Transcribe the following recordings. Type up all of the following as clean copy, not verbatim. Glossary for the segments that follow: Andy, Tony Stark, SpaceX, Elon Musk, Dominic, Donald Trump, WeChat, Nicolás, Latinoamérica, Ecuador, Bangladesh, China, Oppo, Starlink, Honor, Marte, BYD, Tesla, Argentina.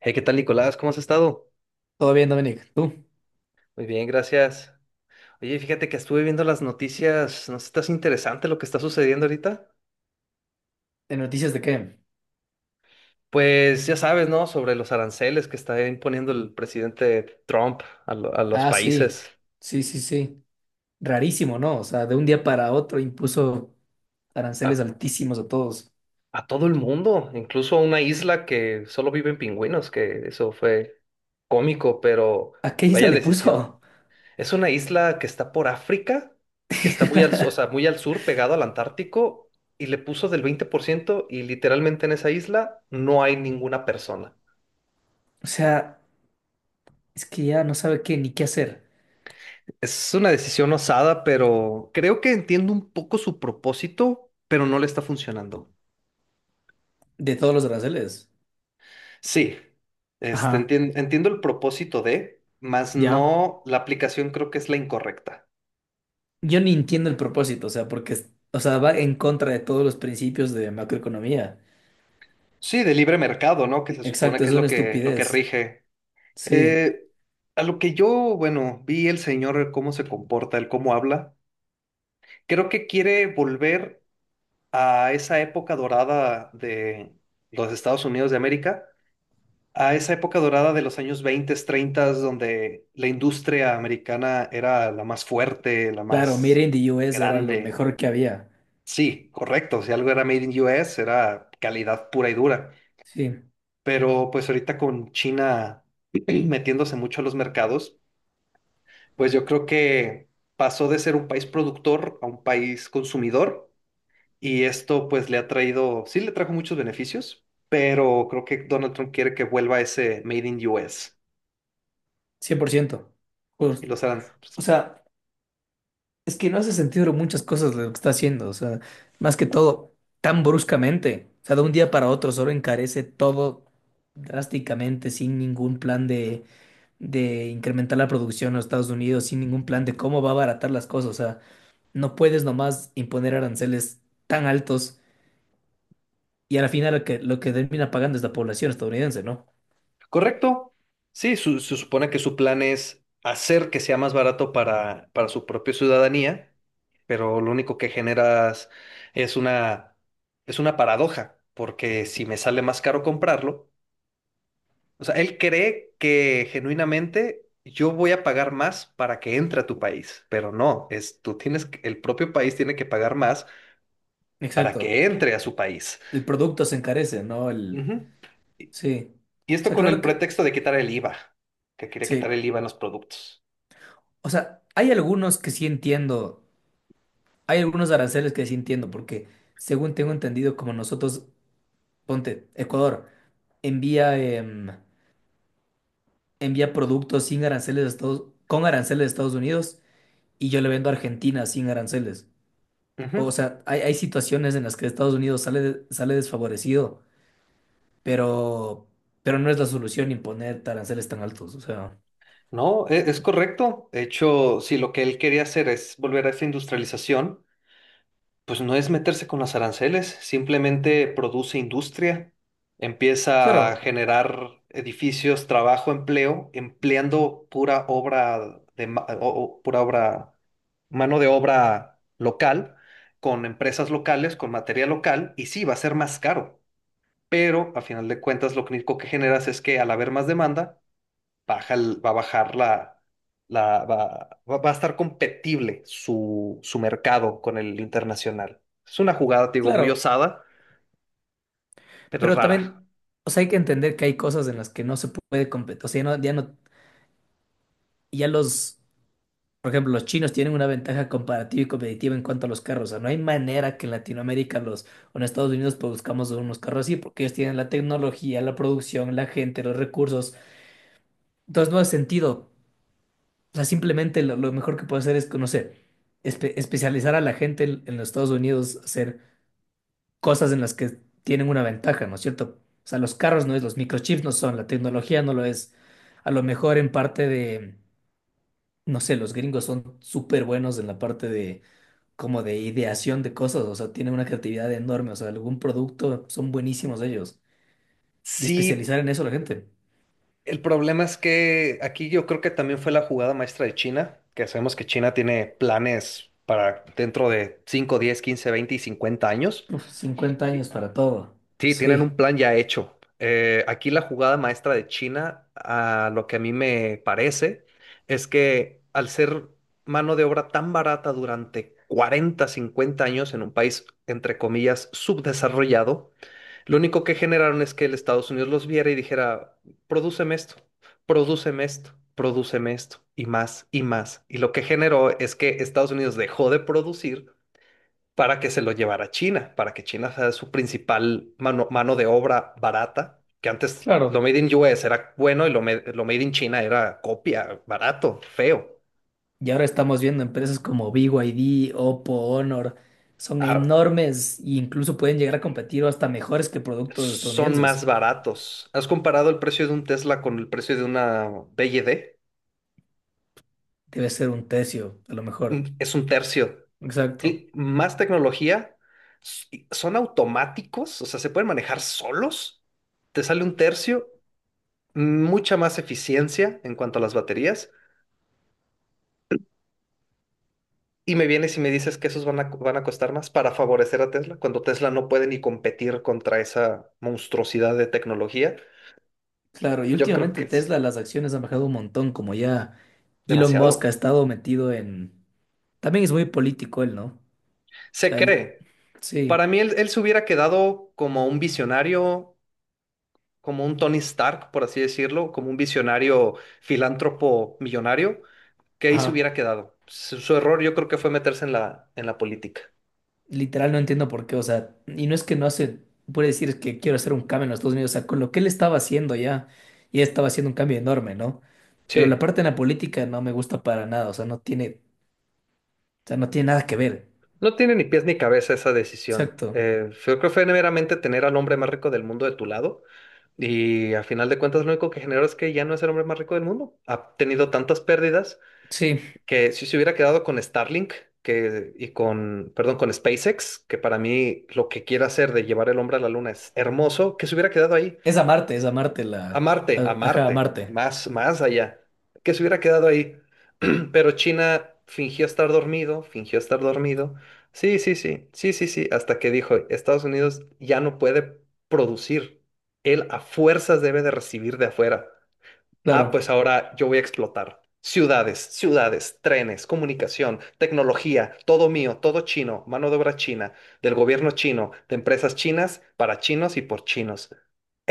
Hey, ¿qué tal, Nicolás? ¿Cómo has estado? Todo bien, Dominic. ¿Tú? Muy bien, gracias. Oye, fíjate que estuve viendo las noticias. ¿No estás interesante lo que está sucediendo ahorita? ¿De noticias de qué? Pues ya sabes, ¿no? Sobre los aranceles que está imponiendo el presidente Trump a, a los Ah, sí. países, Sí, sí, sí. Rarísimo, ¿no? O sea, de un día para otro impuso a, aranceles altísimos a todos. a todo el mundo, incluso a una isla que solo viven pingüinos, que eso fue cómico, pero ¿A qué isla vaya le decisión. puso? Es una isla que está por África, que está muy al, o sea, muy al sur, pegado al Antártico, y le puso del 20% y literalmente en esa isla no hay ninguna persona. O sea, es que ya no sabe qué ni qué hacer Es una decisión osada, pero creo que entiendo un poco su propósito, pero no le está funcionando. de todos los aranceles. Sí, Ajá, entiendo el propósito de, más ya. no, la aplicación creo que es la incorrecta. Yo ni entiendo el propósito, o sea, porque, o sea, va en contra de todos los principios de macroeconomía. Sí, de libre mercado, ¿no? Que se supone Exacto, que es es una lo que estupidez. rige. Sí, Eh, a lo que yo, bueno, vi el señor cómo se comporta, el cómo habla, creo que quiere volver a esa época dorada de los Estados Unidos de América, a esa época dorada de los años 20 treinta, donde la industria americana era la más fuerte, la claro, Made más in the US era lo grande. mejor que había. Sí, correcto, si algo era made in U S era calidad pura y dura, Sí. pero pues ahorita con China metiéndose mucho a los mercados, pues yo creo que pasó de ser un país productor a un país consumidor, y esto pues le ha traído, sí le trajo muchos beneficios, pero creo que Donald Trump quiere que vuelva ese Made in US 100%. y Justo. los harán. O sea, es que no hace sentido muchas cosas lo que está haciendo. O sea, más que todo, tan bruscamente. O sea, de un día para otro solo encarece todo drásticamente, sin ningún plan de incrementar la producción en los Estados Unidos, sin ningún plan de cómo va a abaratar las cosas. O sea, no puedes nomás imponer aranceles tan altos y a la final lo que termina pagando es la población estadounidense, ¿no? ¿Correcto? Sí, se supone que su plan es hacer que sea más barato para su propia ciudadanía, pero lo único que generas es es una paradoja, porque si me sale más caro comprarlo… O sea, él cree que genuinamente yo voy a pagar más para que entre a tu país, pero no, es el propio país tiene que pagar más para Exacto. que entre a su país. El producto se encarece, ¿no? El... Ujú. Y Sí. O y esto sea, con el claro que... pretexto de quitar el IVA, que quería quitar Sí. el IVA en los productos. O sea, hay algunos que sí entiendo, hay algunos aranceles que sí entiendo, porque según tengo entendido, como nosotros, ponte, Ecuador envía, envía productos sin aranceles a Estados, con aranceles a Estados Unidos y yo le vendo a Argentina sin aranceles. O Ujú. sea, hay situaciones en las que Estados Unidos sale, sale desfavorecido, pero, pero no es la solución imponer aranceles tan altos. O sea, No, es correcto. De hecho, si lo que él quería hacer es volver a esa industrialización, pues no es meterse con los aranceles, simplemente produce industria, empieza a claro, generar edificios, trabajo, empleo, empleando pura obra, mano de obra local, con empresas locales, con materia local, y sí, va a ser más caro, pero a final de cuentas lo único que generas es que al haber más demanda, va a bajar la, va a estar competible su, su mercado con el internacional. Es una jugada, te digo, muy claro, osada, pero pero rara. también... O sea, hay que entender que hay cosas en las que no se puede competir. O sea, ya no, ya no. Y ya los, por ejemplo, los chinos tienen una ventaja comparativa y competitiva en cuanto a los carros. O sea, no hay manera que en Latinoamérica los, o en Estados Unidos produzcamos unos carros así, porque ellos tienen la tecnología, la producción, la gente, los recursos. Entonces no hace sentido. O sea, simplemente lo mejor que puedo hacer es que conocer, especializar a la gente en los Estados Unidos, hacer cosas en las que tienen una ventaja, ¿no es cierto? O sea, los carros no es, los microchips no son, la tecnología no lo es. A lo mejor en parte de... No sé, los gringos son súper buenos en la parte de como de ideación de cosas, o sea, tienen una creatividad enorme, o sea, algún producto son buenísimos ellos. Y Sí, especializar en eso la gente. el problema es que aquí yo creo que también fue la jugada maestra de China, que sabemos que China tiene planes para dentro de 5, 10, 15, 20 y 50 años. Uf, 50 Y años para todo. sí, tienen Sí, un plan ya hecho. Aquí la jugada maestra de China, a lo que a mí me parece, es que al ser mano de obra tan barata durante 40, 50 años en un país, entre comillas, subdesarrollado, lo único que generaron es que el Estados Unidos los viera y dijera, prodúceme esto, prodúceme esto, prodúceme esto, y más, y más. Y lo que generó es que Estados Unidos dejó de producir para que se lo llevara a China, para que China sea su principal mano de obra barata, que antes lo claro. made in US era bueno y lo made in China era copia, barato, feo. Y ahora estamos viendo empresas como BYD, Oppo, Honor, son Ah, enormes e incluso pueden llegar a competir o hasta mejores que productos son más estadounidenses. baratos. ¿Has comparado el precio de un Tesla con el precio de una BYD? Debe ser un tercio, a lo Mm, mejor. es un tercio. Exacto. Más tecnología, y son automáticos, o sea, se pueden manejar solos. Te sale un tercio, mucha más eficiencia en cuanto a las baterías. Y me vienes y me dices que esos van a costar más para favorecer a Tesla, cuando Tesla no puede ni competir contra esa monstruosidad de tecnología. Claro, y Yo creo que últimamente es Tesla, las acciones han bajado un montón, como ya Elon Musk ha demasiado. estado metido en... También es muy político él, ¿no? O Se sea, él, cree. sí, Para mí él se hubiera quedado como un visionario, como un Tony Stark, por así decirlo, como un visionario filántropo millonario, que ahí se ajá, hubiera quedado. Su error yo creo que fue meterse en en la política. literal no entiendo por qué, o sea, y no es que no hace, puede decir que quiero hacer un cambio en los Estados Unidos, o sea, con lo que él estaba haciendo ya, ya estaba haciendo un cambio enorme, ¿no? Pero la Sí, parte en la política no me gusta para nada, o sea, no tiene, o sea, no tiene nada que ver. no tiene ni pies ni cabeza esa decisión. Exacto. Yo creo que fue meramente tener al hombre más rico del mundo de tu lado. Y a final de cuentas, lo único que generó es que ya no es el hombre más rico del mundo. Ha tenido tantas pérdidas Sí, que si se hubiera quedado con Starlink que, y con, perdón, con SpaceX, que para mí lo que quiere hacer de llevar el hombre a la luna es hermoso, que se hubiera quedado ahí. Es a Marte la, A ajá, a Marte, Marte, más, más allá, que se hubiera quedado ahí. Pero China fingió estar dormido, fingió estar dormido. Sí, sí, sí, sí, sí, sí, hasta que dijo, Estados Unidos ya no puede producir, él a fuerzas debe de recibir de afuera. Ah, claro. pues ahora yo voy a explotar. Ciudades, ciudades, trenes, comunicación, tecnología, todo mío, todo chino, mano de obra china, del gobierno chino, de empresas chinas, para chinos y por chinos.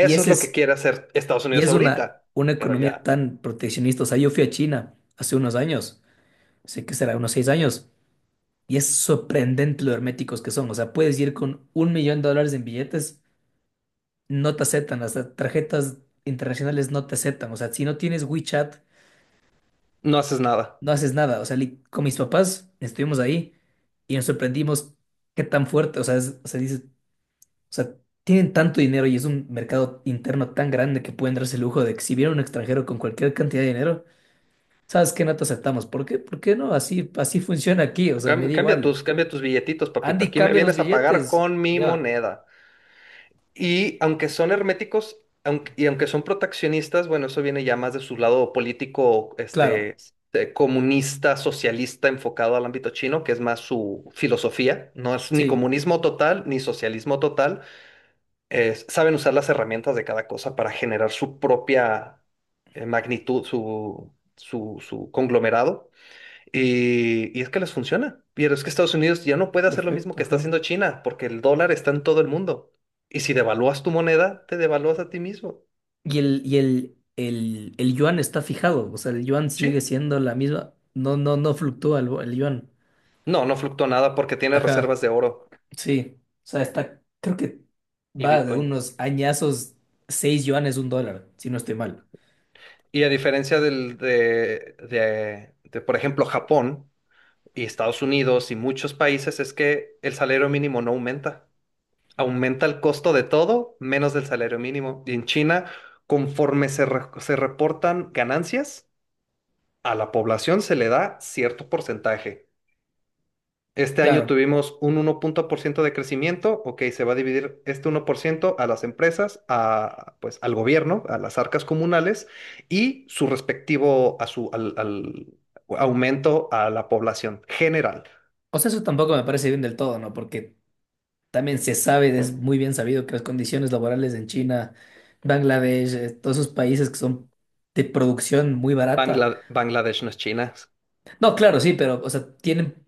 Y es ese lo que es... quiere hacer Estados Y Unidos es ahorita, una pero economía ya tan proteccionista. O sea, yo fui a China hace unos años, sé que será unos 6 años, y es sorprendente lo herméticos que son. O sea, puedes ir con $1.000.000 en billetes, no te aceptan, las tarjetas internacionales no te aceptan. O sea, si no tienes WeChat, no haces nada. no haces nada. O sea, con mis papás estuvimos ahí y nos sorprendimos qué tan fuerte, o sea, o sea, dices, o sea, tienen tanto dinero y es un mercado interno tan grande que pueden darse el lujo de exhibir a un extranjero con cualquier cantidad de dinero. ¿Sabes qué? No te aceptamos. ¿Por qué? ¿Por qué no? Así, así funciona aquí. O sea, me da igual. Cambia tus billetitos, papito. Andy Aquí me cambia los vienes a pagar billetes. con mi Ya. moneda. Y aunque son herméticos, aunque son proteccionistas, bueno, eso viene ya más de su lado político, Claro. Comunista, socialista, enfocado al ámbito chino, que es más su filosofía. No es ni Sí. comunismo total ni socialismo total. Saben usar las herramientas de cada cosa para generar su propia magnitud, su conglomerado. Y es que les funciona. Pero es que Estados Unidos ya no puede hacer lo mismo Perfecto, que está ajá. haciendo China, porque el dólar está en todo el mundo. Y si devalúas tu moneda, te devalúas a ti mismo. El yuan está fijado. O sea, el yuan Sí. sigue siendo la misma. No, no, no fluctúa el yuan. No, no fluctúa nada porque tiene reservas Ajá. de oro Sí. O sea, está. Creo que y va de Bitcoin. unos añazos. 6 yuanes, un dólar, si no estoy mal. Y a diferencia del, de, por ejemplo, Japón y Estados Unidos y muchos países, es que el salario mínimo no aumenta. Aumenta el costo de todo menos del salario mínimo. Y en China, conforme se reportan ganancias, a la población se le da cierto porcentaje. Este año Claro. tuvimos un 1% de crecimiento, ok, se va a dividir este 1% a las empresas, a, pues, al gobierno, a las arcas comunales y su respectivo a al aumento a la población general. O sea, eso tampoco me parece bien del todo, ¿no? Porque también se sabe, es muy bien sabido que las condiciones laborales en China, Bangladesh, todos esos países que son de producción muy barata. Bangladesh no es China. No, claro, sí, pero, o sea, tienen,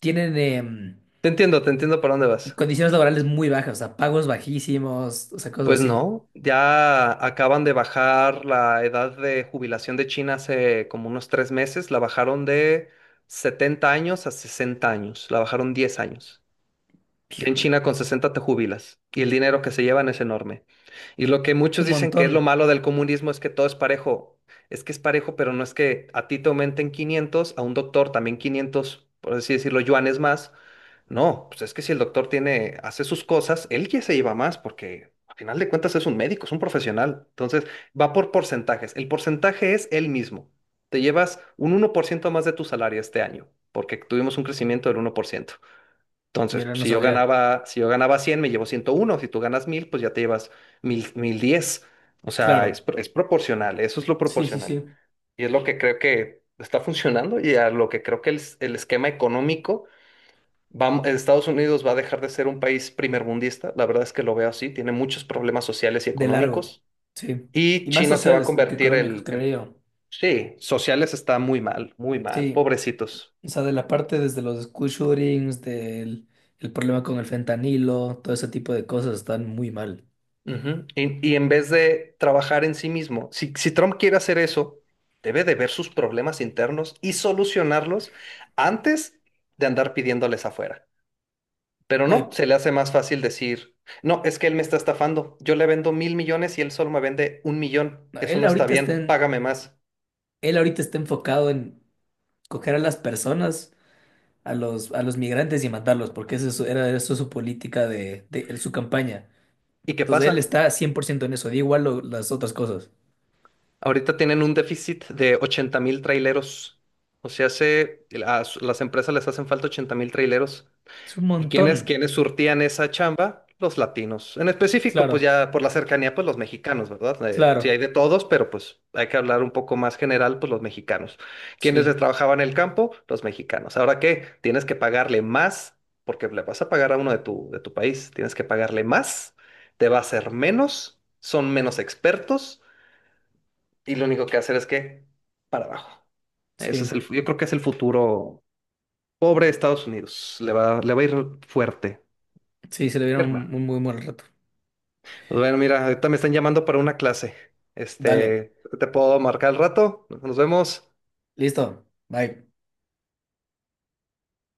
tienen Te entiendo por dónde vas. condiciones laborales muy bajas, o sea, pagos bajísimos, o sea, cosas Pues así. no, ya acaban de bajar la edad de jubilación de China hace como unos 3 meses, la bajaron de 70 años a 60 años, la bajaron 10 años. En Hijo, es China con 60 te jubilas y el dinero que se llevan es enorme. Y lo que muchos un dicen que es lo montón. malo del comunismo es que todo es parejo. Es que es parejo, pero no es que a ti te aumenten 500, a un doctor también 500, por así decirlo, yuanes más. No, pues es que si el doctor tiene, hace sus cosas, él ya se lleva más porque al final de cuentas es un médico, es un profesional. Entonces va por porcentajes. El porcentaje es el mismo. Te llevas un 1% más de tu salario este año porque tuvimos un crecimiento del 1%. Entonces, Mira, pues, no sabía. Si yo ganaba 100 me llevo 101. Si tú ganas 1000, pues ya te llevas 1010. O sea, Claro. Es proporcional, eso es lo Sí, sí, proporcional. sí. Y es lo que creo que está funcionando y a lo que creo que el esquema económico, va, Estados Unidos va a dejar de ser un país primermundista. La verdad es que lo veo así, tiene muchos problemas sociales y De largo. económicos. Sí. Y Y más China se va a sociales que convertir económicos, creo yo. sí, sociales está muy mal, Sí. pobrecitos. O sea, de la parte desde los school shootings, del el problema con el fentanilo, todo ese tipo de cosas están muy mal. Ujú. En vez de trabajar en sí mismo, si Trump quiere hacer eso, debe de ver sus problemas internos y solucionarlos antes de andar pidiéndoles afuera. Pero No, no, y- se le hace más fácil decir, no, es que él me está estafando, yo le vendo 1000 millones y él solo me vende 1 millón, no, eso él no está ahorita está bien, en- págame más. él ahorita está enfocado en coger a las personas, a los migrantes y matarlos, porque eso es era eso es su política de su campaña. ¿Y qué Entonces él pasa? está 100% en eso, da igual las otras cosas. Ahorita tienen un déficit de 80 000 traileros. O sea, se, a las empresas les hacen falta 80 000 traileros. Es un ¿Y montón. quiénes surtían esa chamba? Los latinos. En específico, pues Claro, ya por la cercanía, pues los mexicanos, ¿verdad? Sí, hay claro. de todos, pero pues hay que hablar un poco más general, pues los mexicanos. ¿Quiénes les Sí, trabajaban el campo? Los mexicanos. ¿Ahora qué? Tienes que pagarle más, porque le vas a pagar a uno de de tu país. Tienes que pagarle más, te va a hacer menos, son menos expertos, y lo único que hacer es que para abajo. Eso es sí, yo creo que es el futuro. Pobre Estados Unidos, le va a ir fuerte. sí, se le dieron Hermano. un muy buen rato. Pues bueno, mira, ahorita me están llamando para una clase. Dale, Te puedo marcar al rato. Nos vemos. listo. Bye.